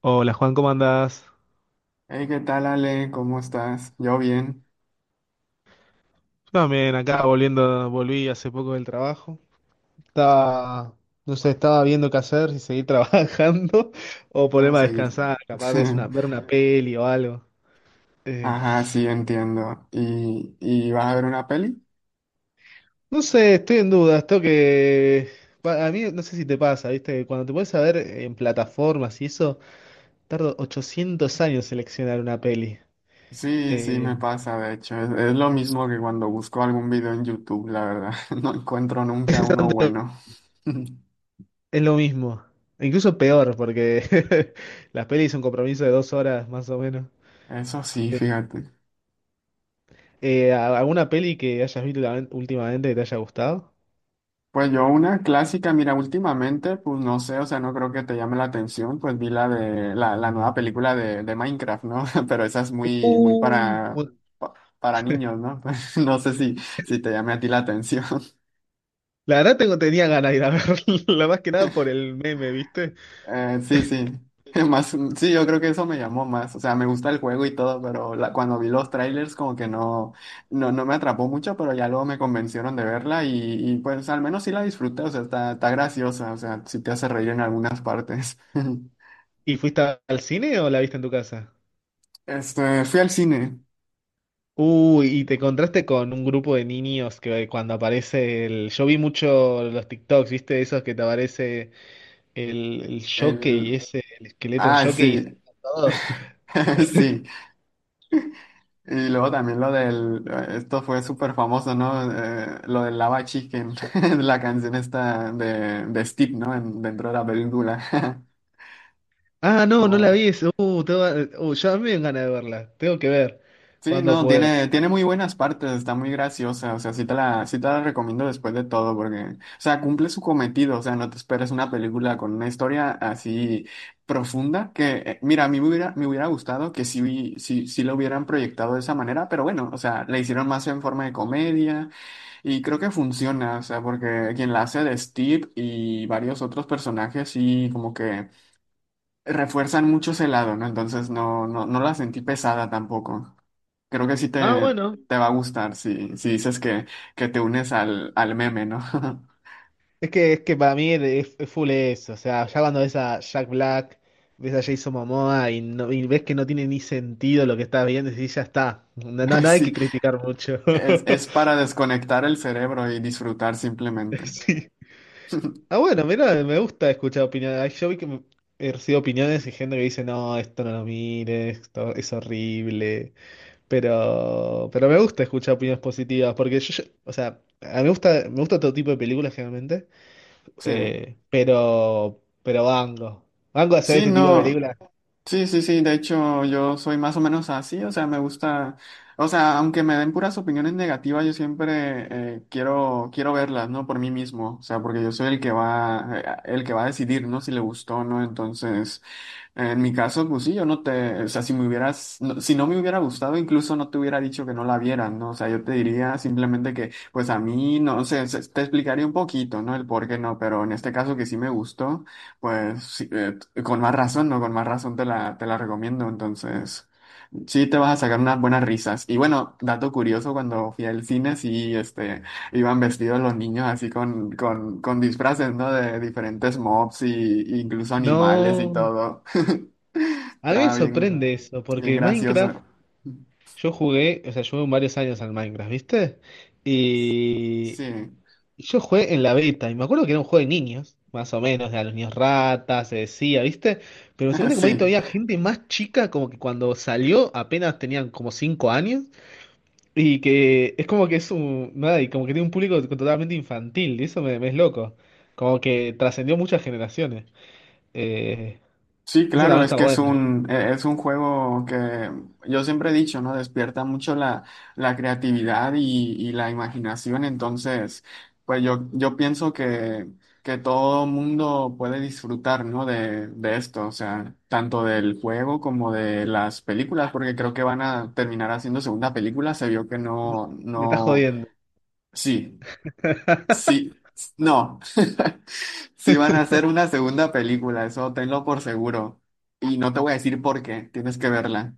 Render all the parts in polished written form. Hola Juan, ¿cómo andás? Hey, ¿qué tal, Ale? ¿Cómo estás? Yo bien. Yo también acá volviendo, volví hace poco del trabajo. Estaba, no sé, estaba viendo qué hacer, si seguir trabajando o ponerme Vamos a a ir. descansar, capaz ver una peli o algo. Eh, Ajá, sí, entiendo. ¿Y vas a ver una peli? no sé, estoy en duda, esto que... A mí no sé si te pasa, ¿viste? Cuando te puedes ver en plataformas y eso, tardo 800 años en seleccionar una peli. Sí, sí, Eh, me pasa, de hecho. Es lo mismo que cuando busco algún video en YouTube, la verdad. No encuentro es nunca uno exactamente lo bueno. es lo mismo, incluso peor, porque las pelis son un compromiso de dos horas más o menos. Eso sí, fíjate. ¿Alguna peli que hayas visto últimamente que te haya gustado? Pues yo una clásica, mira, últimamente, pues no sé, o sea, no creo que te llame la atención, pues vi la de la nueva película de Minecraft, ¿no? Pero esa es muy, muy para, Bueno, pa- para niños, ¿no? No sé si te llame a ti la atención. la verdad tenía ganas de ir a verla, más que nada por el meme, ¿viste? Sí, sí. Más, sí, yo creo que eso me llamó más. O sea, me gusta el juego y todo, pero cuando vi los trailers como que no, no me atrapó mucho, pero ya luego me convencieron de verla y pues al menos sí la disfruté. O sea, está graciosa. O sea, sí te hace reír en algunas partes. ¿Y fuiste al cine o la viste en tu casa? Este, fui al cine. Uy, y te encontraste con un grupo de niños que cuando aparece el... Yo vi mucho los TikToks, ¿viste? Esos que te aparece el jockey, El... ese, el esqueleto en Ay, jockey y sí. saltan todos. Sí. Y luego también lo del... Esto fue súper famoso, ¿no? Lo del Lava Chicken. La canción esta de Steve, ¿no? Dentro de la película. Ah, no, no la Wow. vi eso. Ya me dan ganas de verla. Tengo que ver Sí, cuando no, puedo. Tiene muy buenas partes, está muy graciosa, o sea, sí te la recomiendo después de todo, porque, o sea, cumple su cometido, o sea, no te esperes una película con una historia así profunda, que, mira, a mí me hubiera gustado que sí, sí, sí lo hubieran proyectado de esa manera, pero bueno, o sea, la hicieron más en forma de comedia, y creo que funciona, o sea, porque quien la hace de Steve y varios otros personajes, sí, como que refuerzan mucho ese lado, ¿no? Entonces no, no, no la sentí pesada tampoco. Creo que sí Ah, te, bueno. te va a gustar si, si dices que te unes al, al meme, ¿no? Es que para mí es full eso, o sea, ya cuando ves a Jack Black, ves a Jason Momoa y, no, y ves que no tiene ni sentido lo que estás viendo, y decís, ya está, no, no, no hay Sí, que criticar mucho. Es para desconectar el cerebro y disfrutar simplemente. Sí. Ah, bueno, mira, me gusta escuchar opiniones. Ay, yo vi que he recibido opiniones y gente que dice, no, esto no lo mires, esto es horrible, pero me gusta escuchar opiniones positivas, porque o sea, a mí me gusta todo tipo de películas generalmente. Sí, Pero Bango. Bango hacer sí, este tipo de no, películas. sí, sí, sí, de hecho yo soy más o menos así, o sea, me gusta, o sea, aunque me den puras opiniones negativas, yo siempre quiero, quiero verlas, ¿no? Por mí mismo, o sea, porque yo soy el que va a decidir, ¿no? Si le gustó o no, entonces... En mi caso, pues sí, yo no te, o sea, si me hubieras, si no me hubiera gustado, incluso no te hubiera dicho que no la vieran, ¿no? O sea, yo te diría simplemente que, pues a mí, no sé, te explicaría un poquito, ¿no? El por qué no, pero en este caso que sí me gustó, pues sí, con más razón, ¿no? Con más razón te la recomiendo, entonces, sí te vas a sacar unas buenas risas. Y bueno, dato curioso, cuando fui al cine, sí, este, iban vestidos los niños así con disfraces, ¿no? De diferentes mobs y incluso animales y No, todo. a mí me Estaba sorprende bien, eso, bien porque Minecraft, gracioso. yo jugué, o sea, yo jugué varios años al Minecraft, ¿viste? Y Sí, y yo jugué en la beta, y me acuerdo que era un juego de niños, más o menos, de a los niños ratas, se decía, ¿viste? Pero me sorprende como ahí sí, todavía gente más chica, como que cuando salió apenas tenían como 5 años. Y que es como que es un, nada, y como que tiene un público totalmente infantil, y eso me es loco. Como que trascendió muchas generaciones. Eh, sí, eso claro, también es está que es bueno. un, es un juego que yo siempre he dicho, ¿no? Despierta mucho la creatividad y la imaginación, entonces, yo pienso que todo mundo puede disfrutar, ¿no? De esto, o sea, tanto del juego como de las películas, porque creo que van a terminar haciendo segunda película, se vio que No, no, me estás no, jodiendo. sí, sí, no. Sí van a hacer una segunda película, eso tenlo por seguro. Y no te voy a decir por qué, tienes que verla.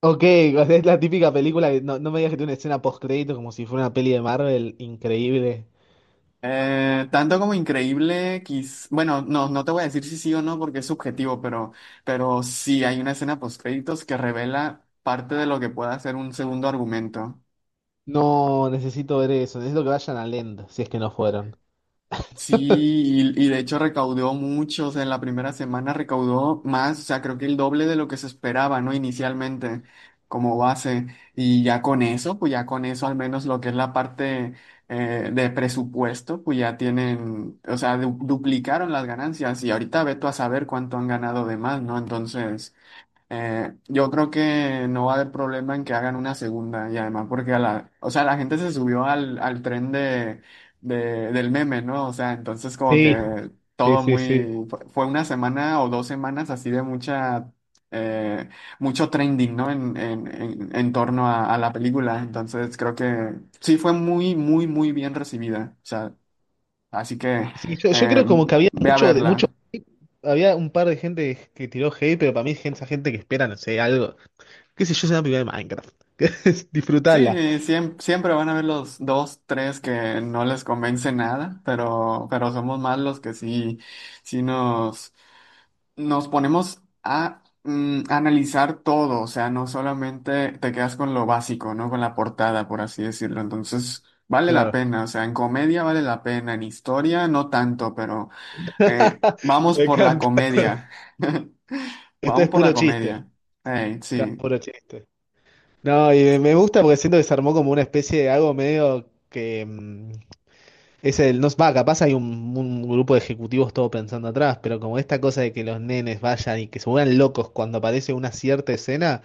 Ok, o sea, es la típica película que no, no me digas que tiene una escena post crédito como si fuera una peli de Marvel increíble. Tanto como increíble, quiz... bueno, no, no te voy a decir si sí o no porque es subjetivo, pero sí hay una escena post créditos que revela parte de lo que pueda ser un segundo argumento. No, necesito ver eso, necesito que vayan a Land, si es que no fueron. Sí, y de hecho recaudó mucho, o sea, en la primera semana recaudó más, o sea, creo que el doble de lo que se esperaba, ¿no? Inicialmente, como base. Y ya con eso, pues ya con eso, al menos lo que es la parte de presupuesto, pues ya tienen, o sea, duplicaron las ganancias y ahorita ve tú a saber cuánto han ganado de más, ¿no? Entonces... yo creo que no va a haber problema en que hagan una segunda y además porque a la, o sea, la gente se subió al, al tren de, del meme, ¿no? O sea, entonces como Sí, que sí, todo sí, sí. muy, fue una semana o dos semanas así de mucha, eh, mucho trending, ¿no? En torno a la película. Entonces creo que sí fue muy, muy, muy bien recibida. O sea, así que Sí, yo eh, creo como que ve a verla. había un par de gente que tiró hate, pero para mí es esa gente que espera, no sé, algo. Qué sé yo, es una película de Minecraft. Sí, Disfrutala. Siempre, van a haber los dos, tres que no les convence nada, pero somos más los que sí, sí nos, nos ponemos a analizar todo, o sea, no solamente te quedas con lo básico, ¿no? Con la portada, por así decirlo. Entonces, vale la Claro. pena, o sea, en comedia vale la pena, en historia no tanto, pero vamos Me por la encanta. comedia. Esto Vamos es por puro la chiste. comedia. Ey, Claro, sí. puro chiste. No, y me gusta porque siento que se armó como una especie de algo medio que es el no va, capaz hay un grupo de ejecutivos todo pensando atrás, pero como esta cosa de que los nenes vayan y que se vuelvan locos cuando aparece una cierta escena,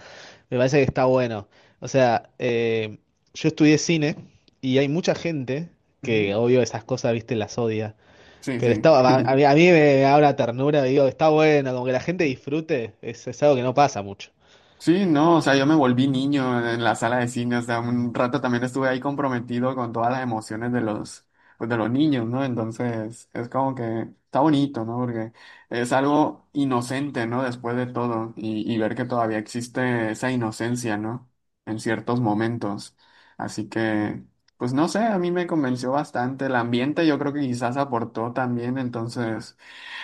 me parece que está bueno. O sea, yo estudié cine y hay mucha gente que Ujú. obvio esas cosas, viste, las odia. Sí, Pero sí. está, a mí me habla ternura, digo, está bueno, como que la gente disfrute, es algo que no pasa mucho. Sí, no, o sea, yo me volví niño en la sala de cine, o sea, un rato también estuve ahí comprometido con todas las emociones de los, pues, de los niños, ¿no? Entonces, es como que está bonito, ¿no? Porque es algo inocente, ¿no? Después de todo, y ver que todavía existe esa inocencia, ¿no? En ciertos momentos. Así que, pues no sé, a mí me convenció bastante el ambiente, yo creo que quizás aportó también, entonces...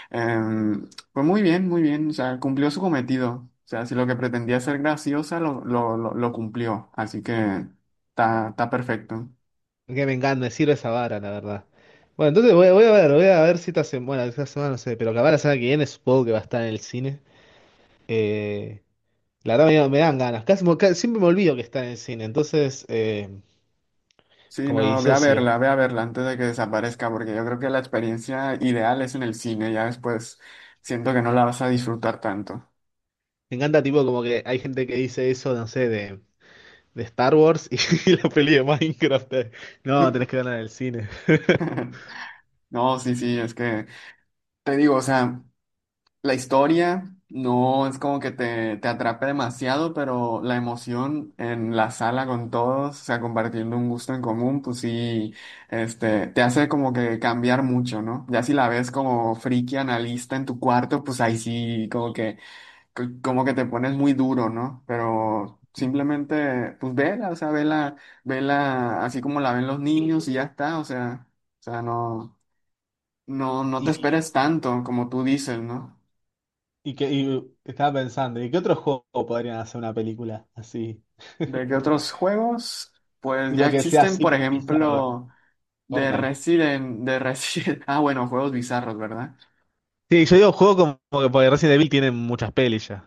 Pues muy bien, o sea, cumplió su cometido. O sea, si lo que pretendía ser graciosa lo cumplió, así que está, está perfecto. Que me encanta, me sirve esa vara, la verdad. Bueno, entonces voy a ver si esta semana, bueno, esta semana no sé, pero capaz la semana que viene supongo que va a estar en el cine. Eh, la verdad me dan ganas, siempre me olvido que está en el cine, entonces Sí, como que no, disocio. Ve a verla antes de que desaparezca, porque yo creo que la experiencia ideal es en el cine, ya después siento que no la vas a disfrutar tanto. Me encanta tipo como que hay gente que dice eso, no sé, de Star Wars y, la peli de Minecraft. No, tenés que verla en el cine. No, sí, sí, es que te digo, o sea. La historia no es como que te atrape demasiado, pero la emoción en la sala con todos, o sea, compartiendo un gusto en común, pues sí, este, te hace como que cambiar mucho, ¿no? Ya si la ves como friki analista en tu cuarto, pues ahí sí, como que, como que te pones muy duro, ¿no? Pero simplemente, pues vela, o sea, vela, vela así como la ven los niños y ya está, o sea, no, no, no te Y, esperes tanto, como tú dices, ¿no? y estaba pensando, ¿y qué otro juego podrían hacer una película así? ¿De qué otros juegos? Pues ya Tipo que sea existen, así por bien bizarro, tipo ejemplo, Fortnite. De Resident. Ah, bueno, juegos bizarros, ¿verdad? Sí, yo digo juego como que porque Resident Evil tiene muchas pelis ya.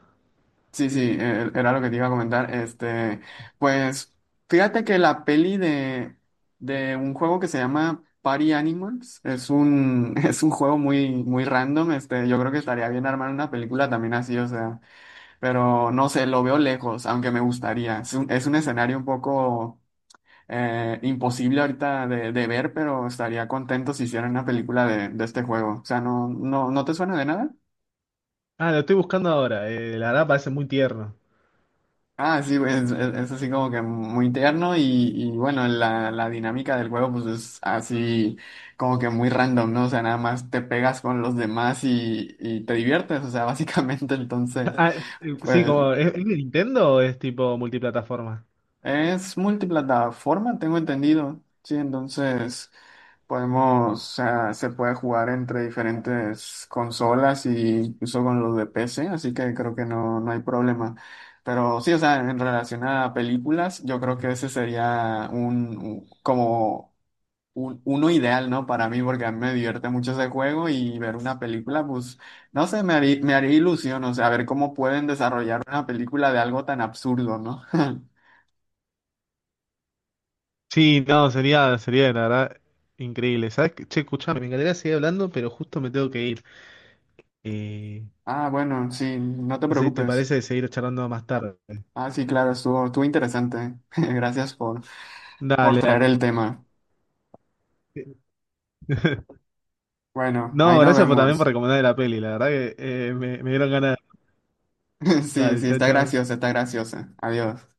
Sí, sí, era lo que te iba a comentar. Este, pues, fíjate que la peli de un juego que se llama Party Animals es un, es un juego muy, muy random. Este, yo creo que estaría bien armar una película también así, o sea, pero no sé, lo veo lejos, aunque me gustaría. Es un escenario un poco imposible ahorita de ver, pero estaría contento si hicieran una película de este juego. O sea, ¿no, no, no te suena de nada? Ah, lo estoy buscando ahora. Eh, la verdad parece muy tierno. Ah, sí, güey, es, es así como que muy tierno y bueno, la dinámica del juego pues es así como que muy random, ¿no? O sea, nada más te pegas con los demás y te diviertes, o sea, básicamente entonces, Ah, sí, pues como es de Nintendo o es tipo multiplataforma? es multiplataforma, tengo entendido, sí, entonces... Podemos, o sea, se puede jugar entre diferentes consolas y incluso con los de PC, así que creo que no, no hay problema. Pero sí, o sea, en relación a películas, yo creo que ese sería un, como un, uno ideal, ¿no? Para mí, porque a mí me divierte mucho ese juego y ver una película, pues, no sé, me haría ilusión, o sea, ver cómo pueden desarrollar una película de algo tan absurdo, ¿no? Sí, no, sería la verdad increíble. ¿Sabes qué? Che, escuchame, me encantaría seguir hablando, pero justo me tengo que ir. Eh, Ah, bueno, sí, no te no sé si te preocupes. parece seguir charlando más tarde. Ah, sí, claro, estuvo, estuvo interesante. Gracias por Dale, traer el tema. dale. Bueno, ahí No, nos gracias por, también por vemos. recomendarme la peli. La verdad que me dieron ganas. Sí, Dale, sí, chao, está chao. graciosa, está graciosa. Adiós.